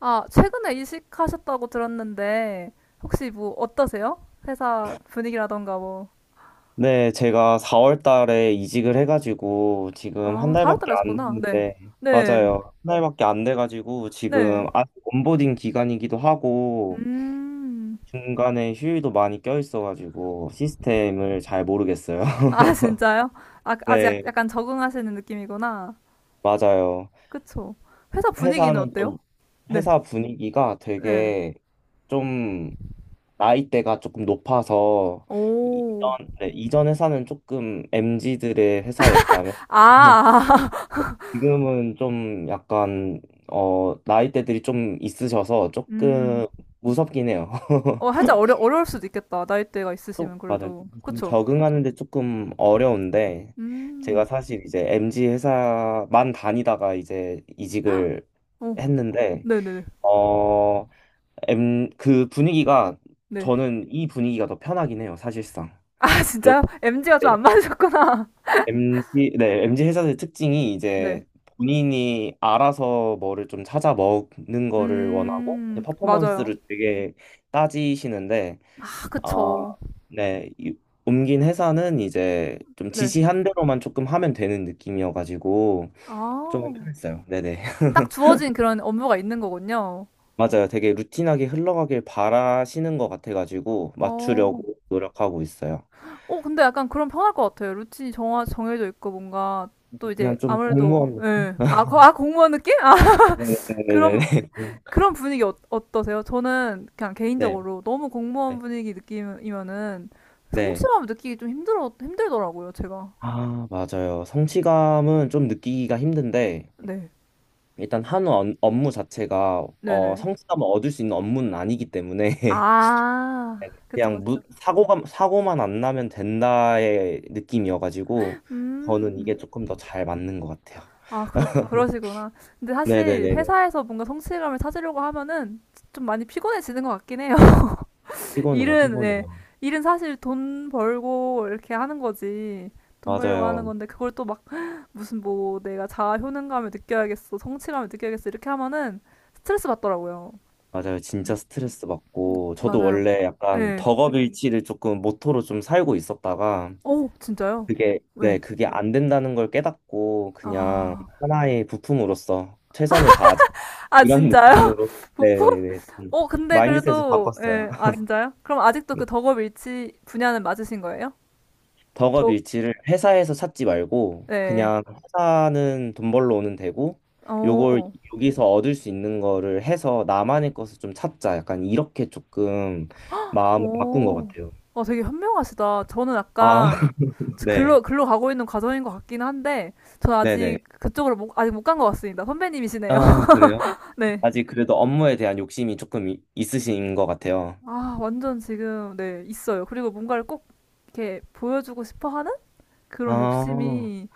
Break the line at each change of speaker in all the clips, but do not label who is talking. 아, 최근에 이직하셨다고 들었는데, 혹시 뭐 어떠세요? 회사 분위기라던가 뭐.
네, 제가 4월 달에 이직을 해가지고 지금 한
아, 잘월달에
달밖에 안
하셨구나. 네.
됐는데,
네.
맞아요. 한 달밖에 안 돼가지고
네.
지금 아직 온보딩 기간이기도 하고
음.
중간에 휴일도 많이 껴있어가지고 시스템을 잘 모르겠어요.
아, 진짜요? 아, 아직
네,
약간 적응하시는 느낌이구나.
맞아요.
그쵸. 회사 분위기는
회사는
어때요?
좀,
네.
회사 분위기가
네.
되게 좀 나이대가 조금 높아서
오.
이전, 네, 이전 회사는 조금 m 지들의 회사였다면
아,
지금은 좀 약간 나이대들이 좀 있으셔서
음.
조금 무섭긴 해요.
어, 어려울 수도 있겠다. 나이대가
좀
있으시면
맞아요.
그래도.
좀
그쵸.
적응하는데 조금 어려운데
음.
제가 사실 이제 m 지 회사만 다니다가 이제 이직을
오.
했는데
네네네. 네.
어 엠 그 분위기가
네. 네.
저는 이 분위기가 더 편하긴 해요. 사실상
아,
좀
진짜요? m 지가
네.
좀 안 맞으셨구나.
m z 네, MG 회사의 특징이
네.
이제 본인이 알아서 뭐를 좀 찾아 먹는 거를 원하고 이제
맞아요.
퍼포먼스를 되게 따지시는데
아,
아,
그쵸.
네, 옮긴 회사는 이제 좀
네.
지시한 대로만 조금 하면 되는 느낌이어가지고 좀
아,
편했어요. 네네.
딱 주어진 그런 업무가 있는 거군요.
맞아요. 되게 루틴하게 흘러가길 바라시는 것 같아가지고
어,
맞추려고 노력하고 있어요.
근데 약간 그럼 편할 것 같아요. 정해져 있고 뭔가 또 이제
그냥 좀
아무래도,
공무원 느낌.
예. 아, 아, 공무원 느낌? 아,
네네네.
그런, 그런 분위기 어, 어떠세요? 저는 그냥
네.
개인적으로 너무 공무원
네.
분위기 느낌이면은
네.
성취감을 힘들더라고요, 제가.
아, 맞아요. 성취감은 좀 느끼기가 힘든데,
네.
일단 업무 자체가
네네.
성취감을 얻을 수 있는 업무는 아니기 때문에,
아, 그쵸,
그냥
그쵸.
사고만 안 나면 된다의 느낌이어가지고, 저는 이게
음.
조금 더 잘 맞는 것 같아요.
아, 그러시구나. 근데 사실
네네네네.
회사에서 뭔가 성취감을 찾으려고 하면은 좀 많이 피곤해지는 것 같긴 해요.
피곤해요,
일은, 네.
피곤해요.
일은 사실 돈 벌고 이렇게 하는 거지. 돈 벌려고 하는
맞아요.
건데, 그걸 또 막, 내가 자아 효능감을 느껴야겠어, 성취감을 느껴야겠어, 이렇게 하면은 스트레스 받더라고요.
맞아요. 진짜 스트레스 받고, 저도
맞아요.
원래
예.
약간
네.
덕업일치를 조금 모토로 좀 살고 있었다가,
오, 진짜요?
네,
네.
그게 안 된다는 걸 깨닫고 그냥
아.
하나의 부품으로서 최선을 다하자.
아,
이런
진짜요?
느낌으로, 네,
부품?
네, 좀
어, 근데
마인드셋을
그래도,
바꿨어요.
예, 아, 진짜요? 그럼 아직도
네.
그 덕업 일치 분야는 맞으신 거예요?
덕업
저,
일치를 회사에서 찾지 말고
네.
그냥 회사는 돈 벌러 오는 데고 요걸
오
여기서 얻을 수 있는 거를 해서 나만의 것을 좀 찾자. 약간 이렇게 조금 마음을 바꾼 것
오.
같아요.
어, 되게 현명하시다. 저는
아,
약간,
네,
글로 가고 있는 과정인 것 같긴 한데, 전
네네.
아직 그쪽으로 못, 아직 못 간 것 같습니다. 선배님이시네요.
아, 그래요?
네.
아직 그래도 업무에 대한 욕심이 조금 있으신 것 같아요.
아, 완전 지금, 네, 있어요. 그리고 뭔가를 꼭 이렇게 보여주고 싶어 하는? 그런
아,
욕심이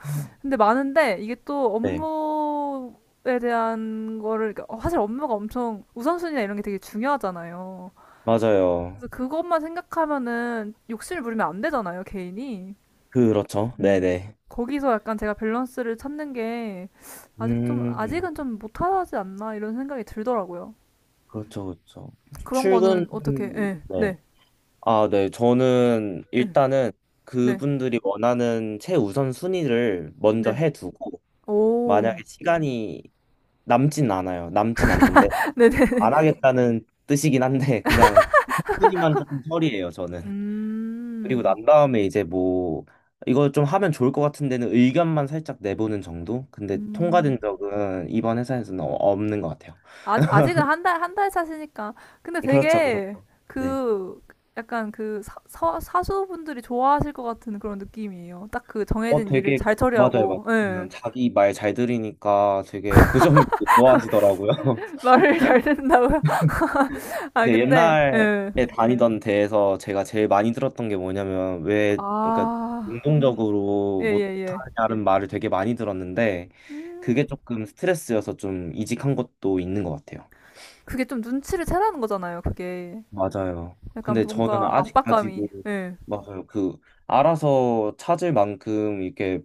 근데 많은데 이게 또
네.
업무에 대한 거를 그러니까 사실 업무가 엄청 우선순위나 이런 게 되게 중요하잖아요.
맞아요.
그래서 그것만 생각하면은 욕심을 부리면 안 되잖아요, 개인이.
그렇죠.
음.
네네.
거기서 약간 제가 밸런스를 찾는 게
음,
아직은 좀 못하지 않나 이런 생각이 들더라고요.
그렇죠, 그렇죠.
그런
출근,
거는 어떻게? 예,
네.
네,
아, 네. 저는
네,
일단은
네,
그분들이 원하는 최우선 순위를 먼저
네.
해두고, 만약에
오,
시간이 남진 않아요. 남진 않는데,
네, 네.
안 하겠다는 뜻이긴 한데, 그냥 순위만 조금 처리해요, 저는. 그리고
음,
난 다음에 이제 뭐 이거 좀 하면 좋을 것 같은 데는 의견만 살짝 내보는 정도? 근데
음.
통과된 적은 이번 회사에서는 없는 것 같아요.
아직, 아직은 한 달, 한 달 차시니까. 근데
그렇죠,
되게
그렇죠. 네.
그, 약간 그 사수분들이 좋아하실 것 같은 그런 느낌이에요. 딱 그
어,
정해진 일을
되게
잘
맞아요, 맞아요.
처리하고, 예.
그냥 자기 말 잘 들으니까 되게 그 점을 되게 좋아하시더라고요.
말을 잘 듣는다고요? 아,
네,
근데,
옛날에
예.
다니던 데에서 제가 제일 많이 들었던 게 뭐냐면 왜 그러니까
아, 예,
운동적으로
예, 예.
못하냐는 말을 되게 많이 들었는데
음,
그게 조금 스트레스여서 좀 이직한 것도 있는 것 같아요.
그게 좀 눈치를 채라는 거잖아요, 그게.
맞아요.
약간
근데 저는 그러니까.
뭔가
아직까지도
압박감이, 예.
맞아요. 그 알아서 찾을 만큼 이렇게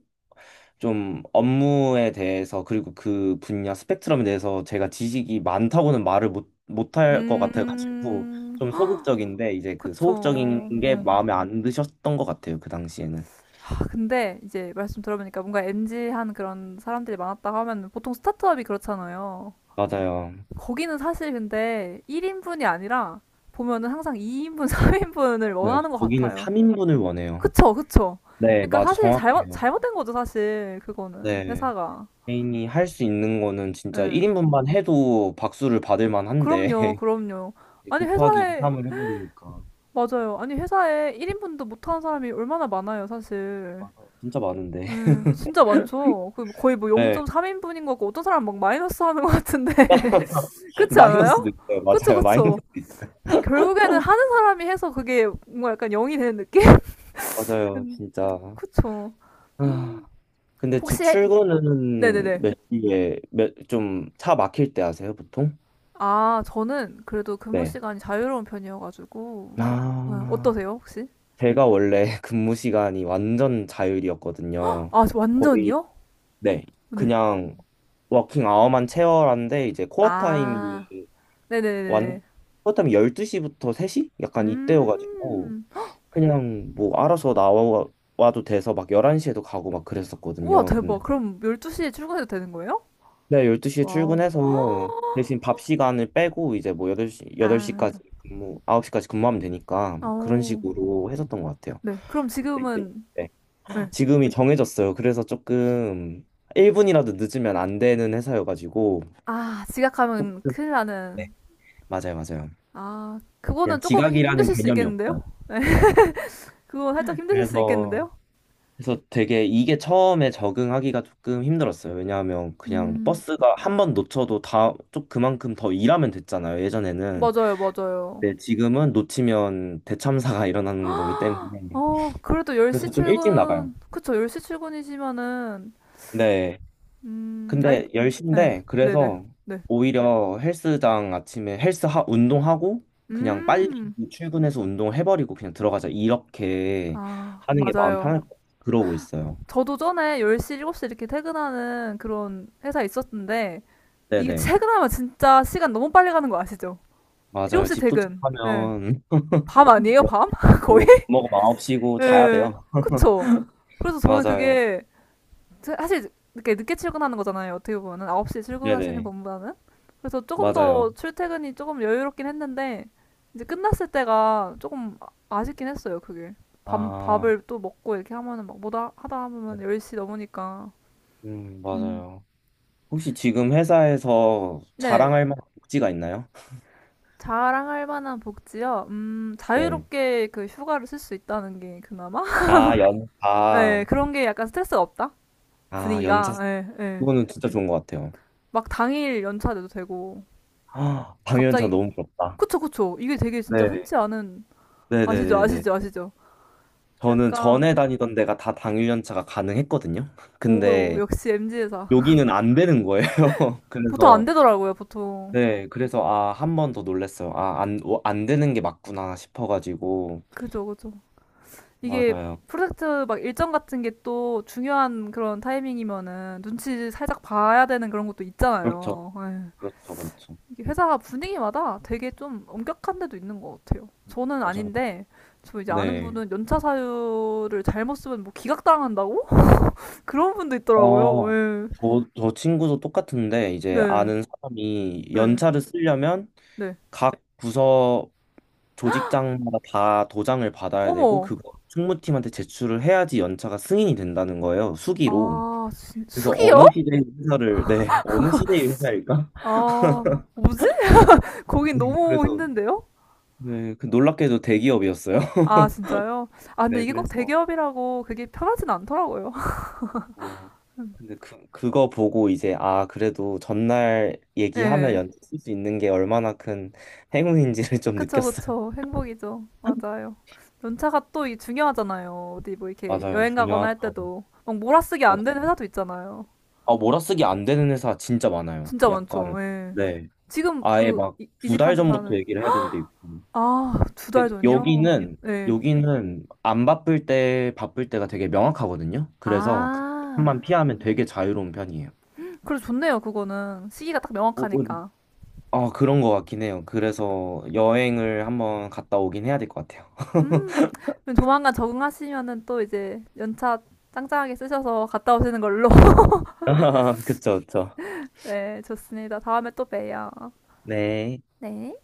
좀 업무에 대해서 그리고 그 분야 스펙트럼에 대해서 제가 지식이 많다고는 말을 못 못할 것 같아가지고
음,
좀 소극적인데 이제 그
그쵸.
소극적인 게
어.
마음에 안 드셨던 것 같아요. 그 당시에는.
근데 이제 말씀 들어보니까 뭔가 m 지한 그런 사람들이 많았다고 하면 보통 스타트업이 그렇잖아요.
맞아요.
거기는 사실 근데 1인분이 아니라 보면은 항상 2인분, 3인분을
네,
원하는 것
거기는
같아요.
3인분을 원해요.
그쵸, 그쵸.
네,
그러니까
맞아.
사실
정확해요.
잘못된 거죠, 사실. 그거는.
네.
회사가.
개인이 할 수 있는 거는 진짜
예.
1인분만 해도 박수를 받을
그럼요,
만한데
그럼요.
이제
아니,
곱하기 2,
회사에,
3을 해버리니까
맞아요. 아니, 회사에 1인분도 못하는 사람이 얼마나 많아요, 사실.
아, 진짜 많은데.
예, 진짜 많죠. 그 거의 뭐
네,
0.3인분인 거고, 어떤 사람은 막 마이너스 하는 것 같은데. 그렇지 않아요?
마이너스도 있어요.
그쵸,
맞아요, 마이너스.
그쵸. 결국에는 하는 사람이 해서 그게 뭔가 약간 영이 되는 느낌?
맞아요,
음,
진짜.
그쵸.
아, 근데 주
혹시, 해-
출근은
네네네.
몇 시에, 좀 차 막힐 때 하세요, 보통?
아, 저는 그래도 근무
네.
시간이 자유로운 편이어가지고. 네,
아,
어떠세요, 혹시?
제가 원래 근무 시간이 완전 자율이었거든요.
아, 저
거의,
완전이요?
네,
네.
그냥 워킹 아워만 채워라는데 이제
아,
완,
네네네네.
코어 타임이 12시부터 3시? 약간 이때여가지고
음.
그냥 뭐 알아서 나와 와도 돼서 막 11시에도 가고 막
우와,
그랬었거든요. 근데
대박. 그럼 12시에 출근해도 되는 거예요?
네, 12시에
어.
출근해서 대신 밥 시간을 빼고 이제 뭐 8시 여덟 시
아,
까지 근무 9시까지 근무하면 되니까 그런
어.
식으로 했었던 것 같아요.
네. 그럼
네, 네,
지금은,
네.
네.
지금이 정해졌어요. 그래서 조금 1분이라도 늦으면 안 되는 회사여가지고
아, 지각하면
조금
큰일
네,
나는.
맞아요, 맞아요.
아,
그냥
그거는 조금
지각이라는
힘드실 수
개념이
있겠는데요?
없어요.
네, 그거 살짝 힘드실 수
그래서
있겠는데요?
그래서 되게 이게 처음에 적응하기가 조금 힘들었어요. 왜냐하면 그냥
음,
버스가 한 번 놓쳐도 다, 좀 그만큼 더 일하면 됐잖아요. 예전에는.
맞아요, 맞아요.
근데 지금은 놓치면 대참사가 일어나는 거기 때문에.
어, 그래도 10시
그래서 좀 일찍
출근,
나가요.
그쵸, 10시 출근이시면은,
네.
아이,
근데
네,
10시인데,
네네, 네.
그래서
네.
오히려 헬스장 아침에 운동하고, 그냥 빨리
음,
출근해서 운동을 해버리고 그냥 들어가자. 이렇게
아,
하는 게 마음
맞아요.
편할 것 같아요. 그러고 있어요.
저도 전에 10시, 7시 이렇게 퇴근하는 그런 회사 있었는데, 이게
네네.
퇴근하면 진짜 시간 너무 빨리 가는 거 아시죠?
맞아요.
7시
집
퇴근, 네.
도착하면
밤 아니에요, 밤? 거의?
여기고 밥 먹으면 9시고 자야
예,
돼요.
그쵸. 그래서 저는
맞아요.
그게 사실 이렇게 늦게 출근하는 거잖아요. 어떻게 보면은 9시에 출근하시는
네네.
분보다는. 그래서 조금 더
맞아요.
출퇴근이 조금 여유롭긴 했는데 이제 끝났을 때가 아쉽긴 했어요. 그게.
아,
밥을 또 먹고 이렇게 하면은 막 뭐다 하다
네.
보면 10시 넘으니까. 음.
맞아요. 혹시 지금 회사에서
네.
자랑할 만한 복지가 있나요?
자랑할 만한 복지요.
네.
자유롭게 그 휴가를 쓸 수 있다는 게 그나마?
아, 연차.
네, 그런 게 약간 스트레스가 없다?
아, 연차.
분위기가. 네, 네.
그거는 진짜 좋은 것 같아요.
막 당일 연차돼도 되고
아, 당연차
갑자기
너무 부럽다.
그쵸, 그쵸, 이게 되게 진짜
네.
흔치 않은. 아시죠,
네네네네.
아시죠, 아시죠.
저는
약간
전에 다니던 데가 다 당일 연차가 가능했거든요.
오,
근데
역시 MZ 회사.
여기는 안 되는 거예요.
보통 안
그래서
되더라고요, 보통.
네, 그래서 아, 한 번 더 놀랬어요. 아, 안 되는 게 맞구나 싶어가지고.
그죠, 그죠. 이게
맞아요.
프로젝트 막 일정 같은 게 또 중요한 그런 타이밍이면은 눈치 살짝 봐야 되는 그런 것도
그렇죠.
있잖아요. 에휴,
그렇죠. 그렇죠.
이게 회사 분위기마다 되게 좀 엄격한 데도 있는 것 같아요. 저는
맞아요.
아닌데 저 이제 아는
네.
분은 연차 사유를 잘못 쓰면 뭐 기각당한다고 그런 분도 있더라고요.
어,
예.
저 친구도 똑같은데, 이제
네.
아는 사람이
네.
연차를 쓰려면
네.
각 부서 조직장마다 다 도장을 받아야 되고,
어머.
그거 총무팀한테 제출을 해야지 연차가 승인이 된다는 거예요. 수기로.
아, 진-
그래서
숙이요?
네, 어느 시대의 회사일까?
아, 뭐지? 거긴
네,
너무 힘든데요?
네, 그 놀랍게도 대기업이었어요.
아, 진짜요? 아, 근데
네,
이게 꼭
그래서
대기업이라고 그게 편하진 않더라고요.
어, 근데 그거 보고 이제 아 그래도 전날 얘기하면
예.
연습 쓸 수 있는 게 얼마나 큰 행운인지를 좀
그쵸,
느꼈어요.
그쵸. 행복이죠. 맞아요. 연차가 또 이 중요하잖아요. 어디 뭐 이렇게
맞아요,
여행 가거나 할
중요하죠.
때도 막 몰아쓰기 안
맞아.
되는 회사도 있잖아요.
아 몰아쓰기 안 되는 회사 진짜 많아요.
진짜 많죠.
약간
예.
네, 아예 막 두 달
이직한
전부터
회사는
얘기를 해야 되는데
아, 두
데
달 전이요?
여기는
네.
안 바쁠 때 바쁠 때가 되게 명확하거든요. 그래서
아,
그만 피하면 되게 자유로운 편이에요.
그래 좋네요, 그거는. 시기가 딱
어, 어,
명확하니까.
그런 것 같긴 해요. 그래서 여행을 한번 갔다 오긴 해야 될 것 같아요.
음, 그럼 조만간 적응하시면은 또 이제 연차 짱짱하게 쓰셔서 갔다 오시는 걸로.
그쵸, 그쵸.
네, 좋습니다. 다음에 또 봬요.
네.
네.